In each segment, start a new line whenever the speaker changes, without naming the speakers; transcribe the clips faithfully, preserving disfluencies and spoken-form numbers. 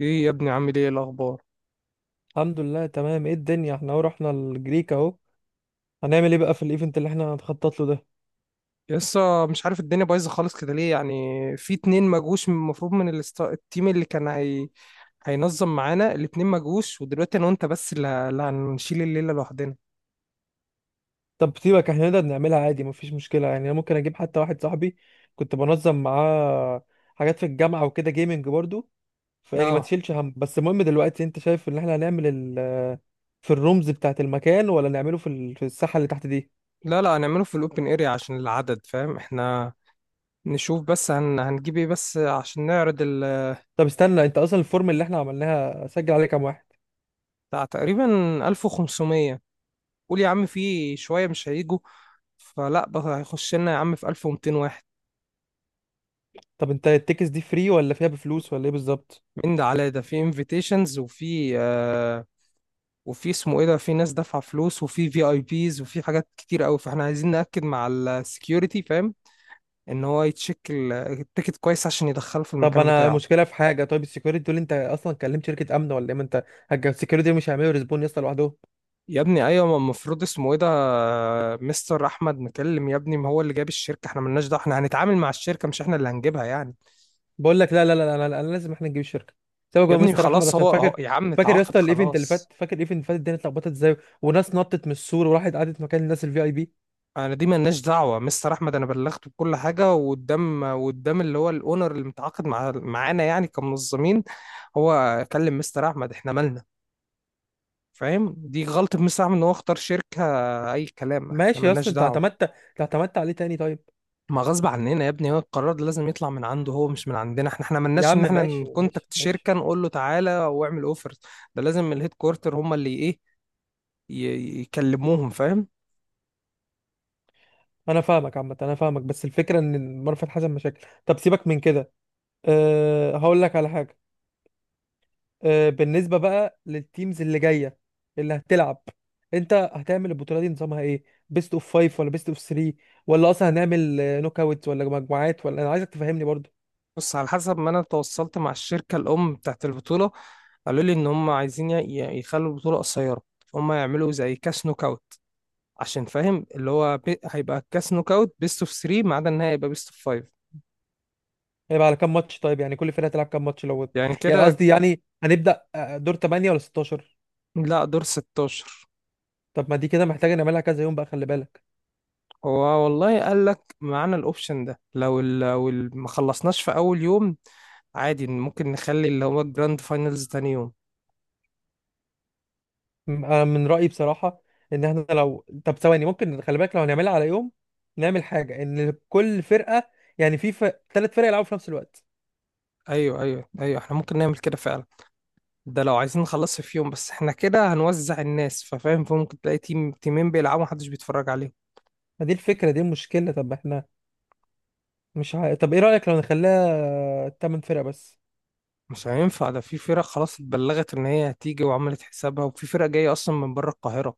ايه يا ابني، عامل ايه إيه الاخبار؟
الحمد لله، تمام. ايه الدنيا؟ احنا اهو رحنا الجريك اهو. هنعمل ايه بقى في الايفنت اللي احنا هنخطط له ده؟
لسه مش عارف، الدنيا بايظه خالص كده ليه يعني؟ في اتنين ما جوش، من- المفروض من الاست... التيم اللي كان هي... هينظم معانا الاتنين ما جوش، ودلوقتي انا وانت بس اللي, ه- اللي هنشيل الليله لوحدنا.
طب سيبك، احنا نقدر نعملها عادي، مفيش مشكله. يعني انا ممكن اجيب حتى واحد صاحبي كنت بنظم معاه حاجات في الجامعه وكده، جيمنج برضو. فيعني ما
اه،
تشيلش هم. بس المهم دلوقتي، انت شايف ان احنا هنعمل ال... في الرومز بتاعه المكان، ولا نعمله في ال... في الساحه اللي تحت دي؟
لا لا، هنعمله في الاوبن اريا عشان العدد، فاهم؟ احنا نشوف بس هن... هنجيب ايه بس عشان نعرض ال...
طب استنى، انت اصلا الفورم اللي احنا عملناها سجل عليه كام واحد؟
بتاع تقريبا ألف وخمسمية. قول يا عم، في شويه مش هيجوا، فلا بقى هيخش لنا يا عم في ألف ومئتين واحد.
طب انت التيكس دي فري ولا فيها بفلوس، ولا ايه بالظبط؟
من ده على ده في انفيتيشنز، وفي آه، وفي اسمه ايه ده، في ناس دافعه فلوس، وفي في اي بيز، وفي حاجات كتير قوي. فاحنا عايزين ناكد مع السكيورتي، فاهم، ان هو يتشيك ال- التيكت كويس عشان يدخله في
طب
المكان
انا
بتاعه.
مشكله في حاجه. طيب السكيورتي دول انت اصلا كلمت شركه امن ولا ايه؟ ما انت السكيورتي مش هيعملوا ريسبون يا اسطى لوحدهم.
يا ابني ايوه، ما المفروض اسمه ايه ده، مستر احمد مكلم. يا ابني، ما هو اللي جاب الشركه، احنا مالناش دعوه. احنا هنتعامل مع الشركه، مش احنا اللي هنجيبها يعني.
بقول لك لا، لا، لا، لا، لا، لا، لازم احنا نجيب الشركه. سيبك
يا
يا
ابني
مستر احمد،
خلاص،
عشان
هو هو-
فاكر.
يا عم
فاكر يا
اتعاقد
اسطى الايفنت اللي
خلاص.
فات؟ فاكر الايفنت اللي فات الدنيا اتلخبطت ازاي، وناس نطت من السور وراحت قعدت مكان الناس الفي اي بي؟
انا دي ملناش دعوه مستر احمد، انا بلغته بكل حاجه، وقدام وقدام اللي هو الاونر اللي متعاقد مع معانا يعني كمنظمين. هو كلم مستر احمد، احنا مالنا، فاهم؟ دي غلطه مستر احمد ان هو اختار شركه اي كلام، احنا
ماشي يا اسطى،
ملناش
انت
دعوه.
اعتمدت انت اعتمدت عليه تاني؟ طيب.
ما غصب عننا يا ابني، هو القرار ده لازم يطلع من عنده هو، مش من عندنا احنا. احنا
يا
ملناش
عم،
ان احنا
ماشي ماشي
نكونتاكت
ماشي.
شركه نقول له تعالى واعمل اوفرز. ده لازم الهيد كوارتر هم اللي ايه، ي- يكلموهم، فاهم؟
انا فاهمك، عامه انا فاهمك، بس الفكره ان مرفت حسن مشاكل. طب سيبك من كده. أه هقول لك على حاجه. آه، بالنسبة بقى للتيمز اللي جاية اللي هتلعب، انت هتعمل البطولة دي نظامها ايه؟ بيست اوف فايف ولا بيست اوف ثري؟ ولا اصلا هنعمل نوك اوتس ولا مجموعات؟ ولا انا عايزك تفهمني برضو.
بص، على حسب ما انا تواصلت مع الشركه الام بتاعت البطوله، قالوا لي ان هم عايزين ي- ي- يخلوا البطوله قصيره. هم يعملوا زي كاس نوك اوت، عشان فاهم اللي هو بي... هيبقى كاس نوك اوت بيست اوف ثلاثة، ما عدا النهائي هيبقى بيست اوف خمسة.
هيبقى على كام ماتش؟ طيب يعني كل فرقة هتلعب كام ماتش لو؟
يعني
يعني
كده.
قصدي، يعني هنبدأ آه، دور تمانية ولا ستة عشر؟
لا، دور ستاشر.
طب ما دي كده محتاجة نعملها كذا يوم بقى، خلي بالك.
هو والله قال لك معانا الاوبشن ده، لو ال... لو ال- ما خلصناش في اول يوم عادي، ممكن نخلي اللي هو الجراند فاينلز تاني يوم.
م- انا من رأيي بصراحة ان احنا لو، طب ثواني ممكن، خلي بالك، لو هنعملها على يوم نعمل حاجة ان كل فرقة، يعني في ثلاث فرق يلعبوا في نفس الوقت.
ايوه ايوه ايوه، احنا ممكن نعمل كده فعلا. ده لو عايزين نخلص في يوم، بس احنا كده هنوزع الناس، ففاهم، فممكن تلاقي تيم تيمين بيلعبوا محدش بيتفرج عليهم.
ما دي الفكرة، دي المشكلة. طب احنا مش ع... طب ايه رأيك لو نخليها تمن فرق بس؟
مش هينفع ده، في فرق خلاص اتبلغت ان هي هتيجي وعملت حسابها، وفي فرق جاية اصلا من بره القاهرة.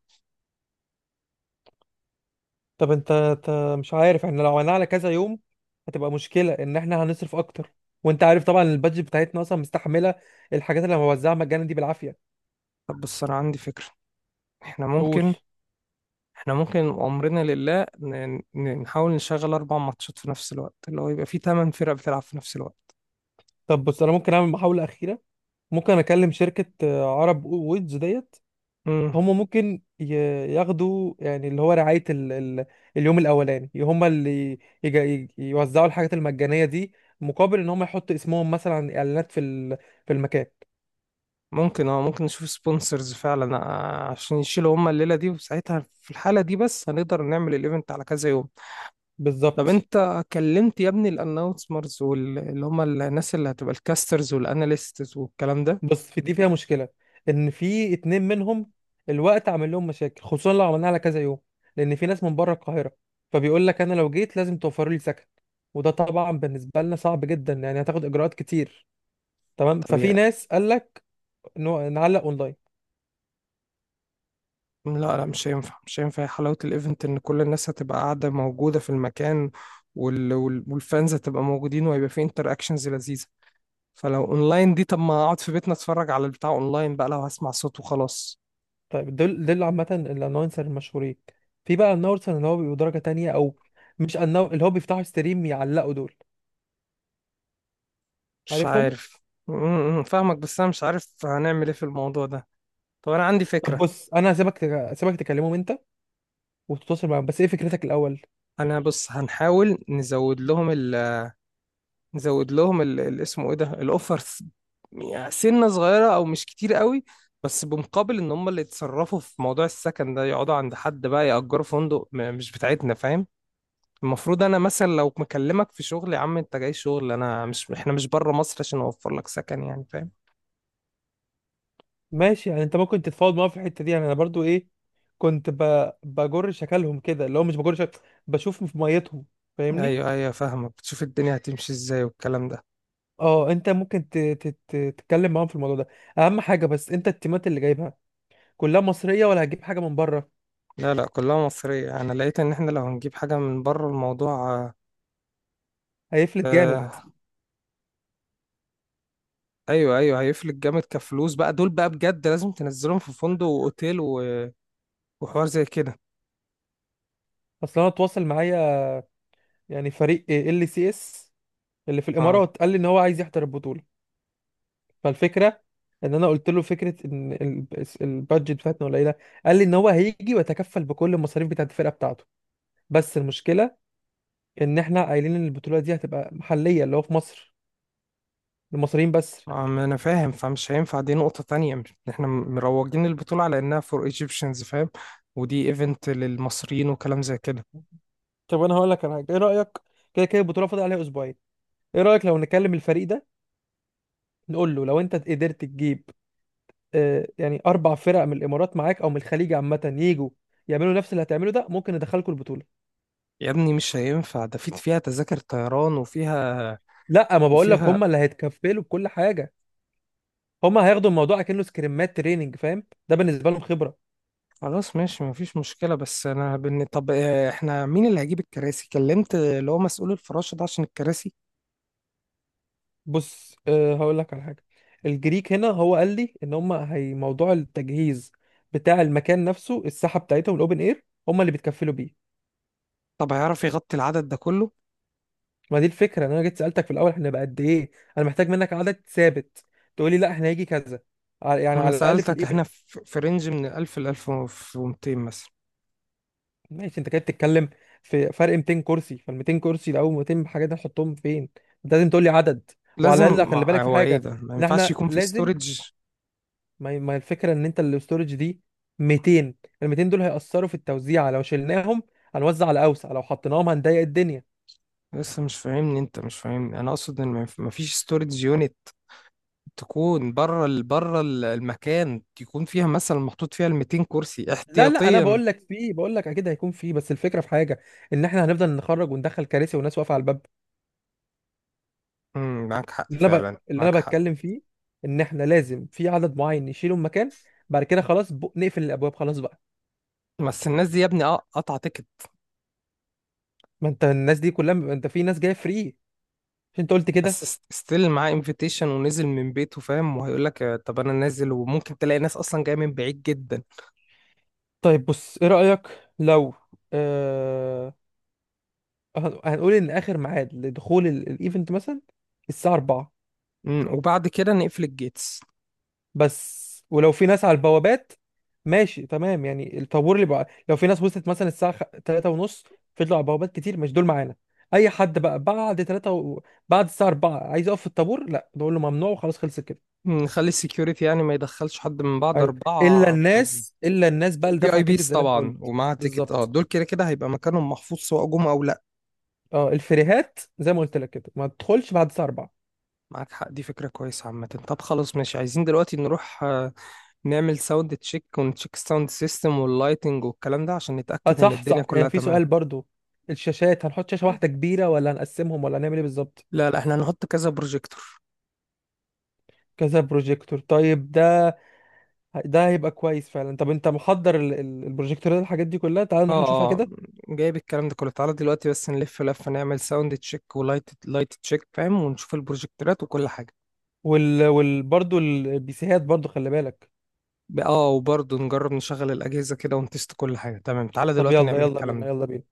طب انت انت مش عارف، احنا لو عملناها على كذا يوم هتبقى مشكلة ان احنا هنصرف اكتر. وانت عارف طبعا البادجت بتاعتنا اصلا مستحملة الحاجات اللي بوزعها مجانا دي بالعافية.
طب بس انا عندي فكرة، احنا
قول.
ممكن احنا ممكن وامرنا لله ن- ن- نحاول نشغل اربع ماتشات في نفس الوقت، اللي هو يبقى في تمن فرق بتلعب في نفس الوقت.
طب بص، انا ممكن اعمل محاولة اخيرة. ممكن اكلم شركة آه، عرب ويدز ديت.
مم.
هم ممكن ي- ياخدوا يعني اللي هو رعاية ال ال اليوم الأولاني، هم اللي يج- ي- يوزعوا الحاجات المجانية دي، مقابل إن هم يحطوا اسمهم مثلا على إعلانات في ال في المكان.
ممكن اه، ممكن نشوف سبونسرز فعلا، آه، عشان يشيلوا هما الليلة دي، وساعتها في الحالة دي بس هنقدر نعمل الايفنت على كذا يوم. طب
بالظبط.
انت كلمت يا ابني الاناونسرز، واللي هم الناس اللي هتبقى الكاسترز والاناليستس والكلام ده؟
بس في دي فيها مشكلة، إن في اتنين منهم الوقت عامل لهم مشاكل، خصوصا لو عملناها على كذا يوم، لأن في ناس من بره القاهرة، فبيقول لك أنا لو جيت لازم توفروا لي سكن. وده طبعا بالنسبة لنا صعب جدا، يعني هتاخد إجراءات كتير. تمام.
طب
ففي
يا
ناس قال لك نعلق أونلاين.
لا لا، مش هينفع، مش هينفع. حلاوة الايفنت ان كل الناس هتبقى قاعدة موجودة في المكان، وال... وال... والفانز هتبقى موجودين، وهيبقى في انتر اكشنز لذيذة. فلو اونلاين دي، طب ما اقعد في بيتنا اتفرج على البتاع اونلاين بقى، لو هسمع صوت وخلاص.
طيب دول دول عامة الانونسر المشهورين. في بقى الانونسر اللي هو بيبقوا درجة تانية، او مش النو... اللي هو بيفتحوا ستريم يعلقوا دول،
مش
عارفهم؟
عارف. م- م- فاهمك، بس انا مش عارف هنعمل ايه في الموضوع ده. طب انا عندي
طب
فكرة.
بص، انا هسيبك تك... هسيبك تكلمهم انت وتتواصل معاهم، بس ايه فكرتك الاول؟
انا بص، هنحاول نزود لهم، نزود لهم ال- ال- اسمه ايه ده، الاوفرز، يعني سنة صغيرة او مش كتير قوي، بس بمقابل ان هم اللي يتصرفوا في موضوع السكن ده، يقعدوا عند حد بقى، يأجروا فندق، م- مش بتاعتنا، فاهم؟ المفروض انا مثلا لو مكلمك في شغل يا عم، انت جاي شغل، انا مش، احنا مش بره مصر عشان اوفر لك سكن يعني، فاهم؟
ماشي، يعني انت ممكن تتفاوض معاهم في الحتة دي. يعني انا برضو ايه، كنت ب... بجر شكلهم كده اللي هو مش بجر شكل، بشوف في ميتهم. فاهمني؟
ايوه ايوه، فاهمك، بتشوف الدنيا هتمشي ازاي والكلام ده.
اه انت ممكن ت... ت... ت... تتكلم معاهم في الموضوع ده. اهم حاجة بس انت التيمات اللي جايبها كلها مصرية ولا هتجيب حاجة من بره؟
لا لا، كلها مصرية. انا لقيت ان احنا لو هنجيب حاجة من بره، الموضوع
هيفلت جامد.
آه، ايوه ايوه هيفلك جامد كفلوس بقى. دول بقى بجد لازم تنزلهم في فندق واوتيل و- وحوار زي كده.
اصل انا اتواصل معايا يعني فريق ال سي اس اللي في
اه
الامارات، قال لي ان هو عايز يحضر البطوله. فالفكره ان انا قلت له فكره ان ال- البادجت بتاعتنا قليله. قال لي ان هو هيجي ويتكفل بكل المصاريف بتاعت الفرقه بتاعته. بس المشكله ان احنا قايلين ان البطوله دي هتبقى محليه، اللي هو في مصر، المصريين بس.
اه، ما انا فاهم، فمش هينفع دي نقطة تانية. مش- احنا م- مروجين البطولة على انها فور ايجيبشنز، فاهم؟ ودي ايفنت للمصريين وكلام زي كده.
طب انا هقول لك على حاجه، ايه رايك؟ كده كده البطوله فاضل عليها اسبوعين. ايه رايك لو نكلم الفريق ده نقول له لو انت قدرت تجيب آه، يعني اربع فرق من الامارات معاك او من الخليج عامه، يجوا يعملوا نفس اللي هتعمله ده، ممكن ندخلكم البطوله.
يا ابني مش هينفع ده، في فيها تذاكر طيران وفيها،
لا، ما بقول لك،
وفيها.
هم اللي هيتكفلوا بكل حاجه. هم هياخدوا الموضوع كأنه سكريمات تريننج، فاهم؟ ده بالنسبه لهم خبره.
خلاص ماشي، مفيش مشكلة. بس انا بن... طب آه، احنا مين اللي هيجيب الكراسي؟ كلمت اللي هو مسؤول الفراشة ده عشان الكراسي؟
بص، أه هقول لك على حاجه. الجريك هنا، هو قال لي ان هم هي موضوع التجهيز بتاع المكان نفسه، الساحه بتاعتهم الاوبن اير هم اللي بيتكفلوا بيه.
طب هيعرف يغطي العدد ده كله؟
ما دي الفكره ان انا جيت سالتك في الاول احنا بقى قد ايه. انا محتاج منك عدد ثابت، تقول لي لا احنا هيجي كذا، على- يعني
ما انا
على الاقل في
سألتك،
الايفنت.
احنا في في رينج من ألف ل ألف ومئتين مثلا.
ماشي، انت كده بتتكلم في فرق. ميتين كرسي، فال ميتين كرسي ده او مئتين حاجه دي نحطهم فين؟ انت لازم تقول لي عدد.
لازم،
وعلى الاقل خلي
ما
بالك في
هو ايه
حاجه،
ده، ما
ان
ينفعش
احنا
يكون في
لازم،
ستورج.
ما هي- ما هي الفكره ان انت الاستورج دي ميتين، ال ميتين دول هيأثروا في التوزيع. لو شلناهم هنوزع على اوسع، لو حطيناهم هنضيق الدنيا.
لسه مش فاهمني، انت مش فاهمني. انا اقصد ان ما ينف- ما فيش ستورج يونت تكون بره ال... بره ال- المكان، يكون فيها مثلا محطوط فيها ال مائتين كرسي
لا، لا، انا
احتياطيا.
بقول لك في، بقول لك اكيد هيكون في، بس الفكره في حاجه، ان احنا هنفضل نخرج وندخل كراسي وناس واقفه على الباب.
امم معاك حق
اللي انا ب...
فعلا،
اللي
معاك
انا
حق.
بتكلم فيه ان احنا لازم في عدد معين نشيله من مكان. بعد كده خلاص، ب... نقفل الابواب خلاص بقى.
بس الناس دي يا ابني، اه، قطع تيكت
ما انت الناس دي كلها، انت في ناس جايه فري، مش انت قلت كده؟
بس ستيل معاه انفيتيشن ونزل من بيته، فاهم، وهيقول لك طب انا نازل. وممكن تلاقي ناس اصلا جايه من بعيد جدا.
طيب بص، ايه رايك لو آه... هن- هنقول ان اخر ميعاد لدخول ال- الايفنت مثلا الساعه أربعة.
مم، وبعد كده نقفل الجيتس،
بس ولو في ناس على البوابات، ماشي تمام. يعني الطابور اللي بقى لو في ناس وصلت مثلا الساعه ثلاثة ونص فضلوا على البوابات كتير، مش دول معانا. اي حد بقى بعد ثلاثة، و... بعد الساعه أربعة عايز يقف في الطابور، لا، نقول له ممنوع وخلاص، خلصت كده.
نخلي السكيورتي يعني ما يدخلش حد من بعد
ايوه، الا
أربعة.
الناس، الا الناس بقى اللي
في
دفع
اي
تيكت
بيس
زي ما انت
طبعا
قلت.
ومعاه تيكت، اه،
بالظبط.
دول كده كده هيبقى مكانهم محفوظ سواء جم او لا.
اه الفريهات زي ما قلت لك كده ما تدخلش بعد الساعه اربعة.
معاك حق، دي فكرة كويسة عامة. طب خلاص ماشي، عايزين دلوقتي نروح، آه، نعمل ساوند تشيك، ونتشيك ساوند سيستم واللايتنج والكلام ده، عشان
اه
نتأكد ان
صح
الدنيا
صح. يعني
كلها
في
تمام.
سؤال برضو، الشاشات هنحط شاشه واحده كبيره، ولا هنقسمهم، ولا هنعمل ايه بالظبط؟
لا لا، احنا هنحط كذا بروجيكتور.
كذا بروجيكتور؟ طيب ده، ده هيبقى كويس فعلا. طب انت محضر ال- ال- البروجيكتور ده الحاجات دي كلها؟ تعال نروح
اه
نشوفها
اه،
كده.
جايب الكلام ده كله. تعالى دلوقتي بس نلف لفة، نعمل ساوند تشيك ولايت لايت تشيك، فاهم، ونشوف البروجيكتورات وكل حاجة.
وال... وال... برضو البيسيهات برضو خلي بالك.
ب- اه وبرضه نجرب نشغل الأجهزة كده ونتست كل حاجة تمام. تعالى
طب
دلوقتي
يلا
نعمل
يلا
الكلام
بينا،
ده.
يلا بينا.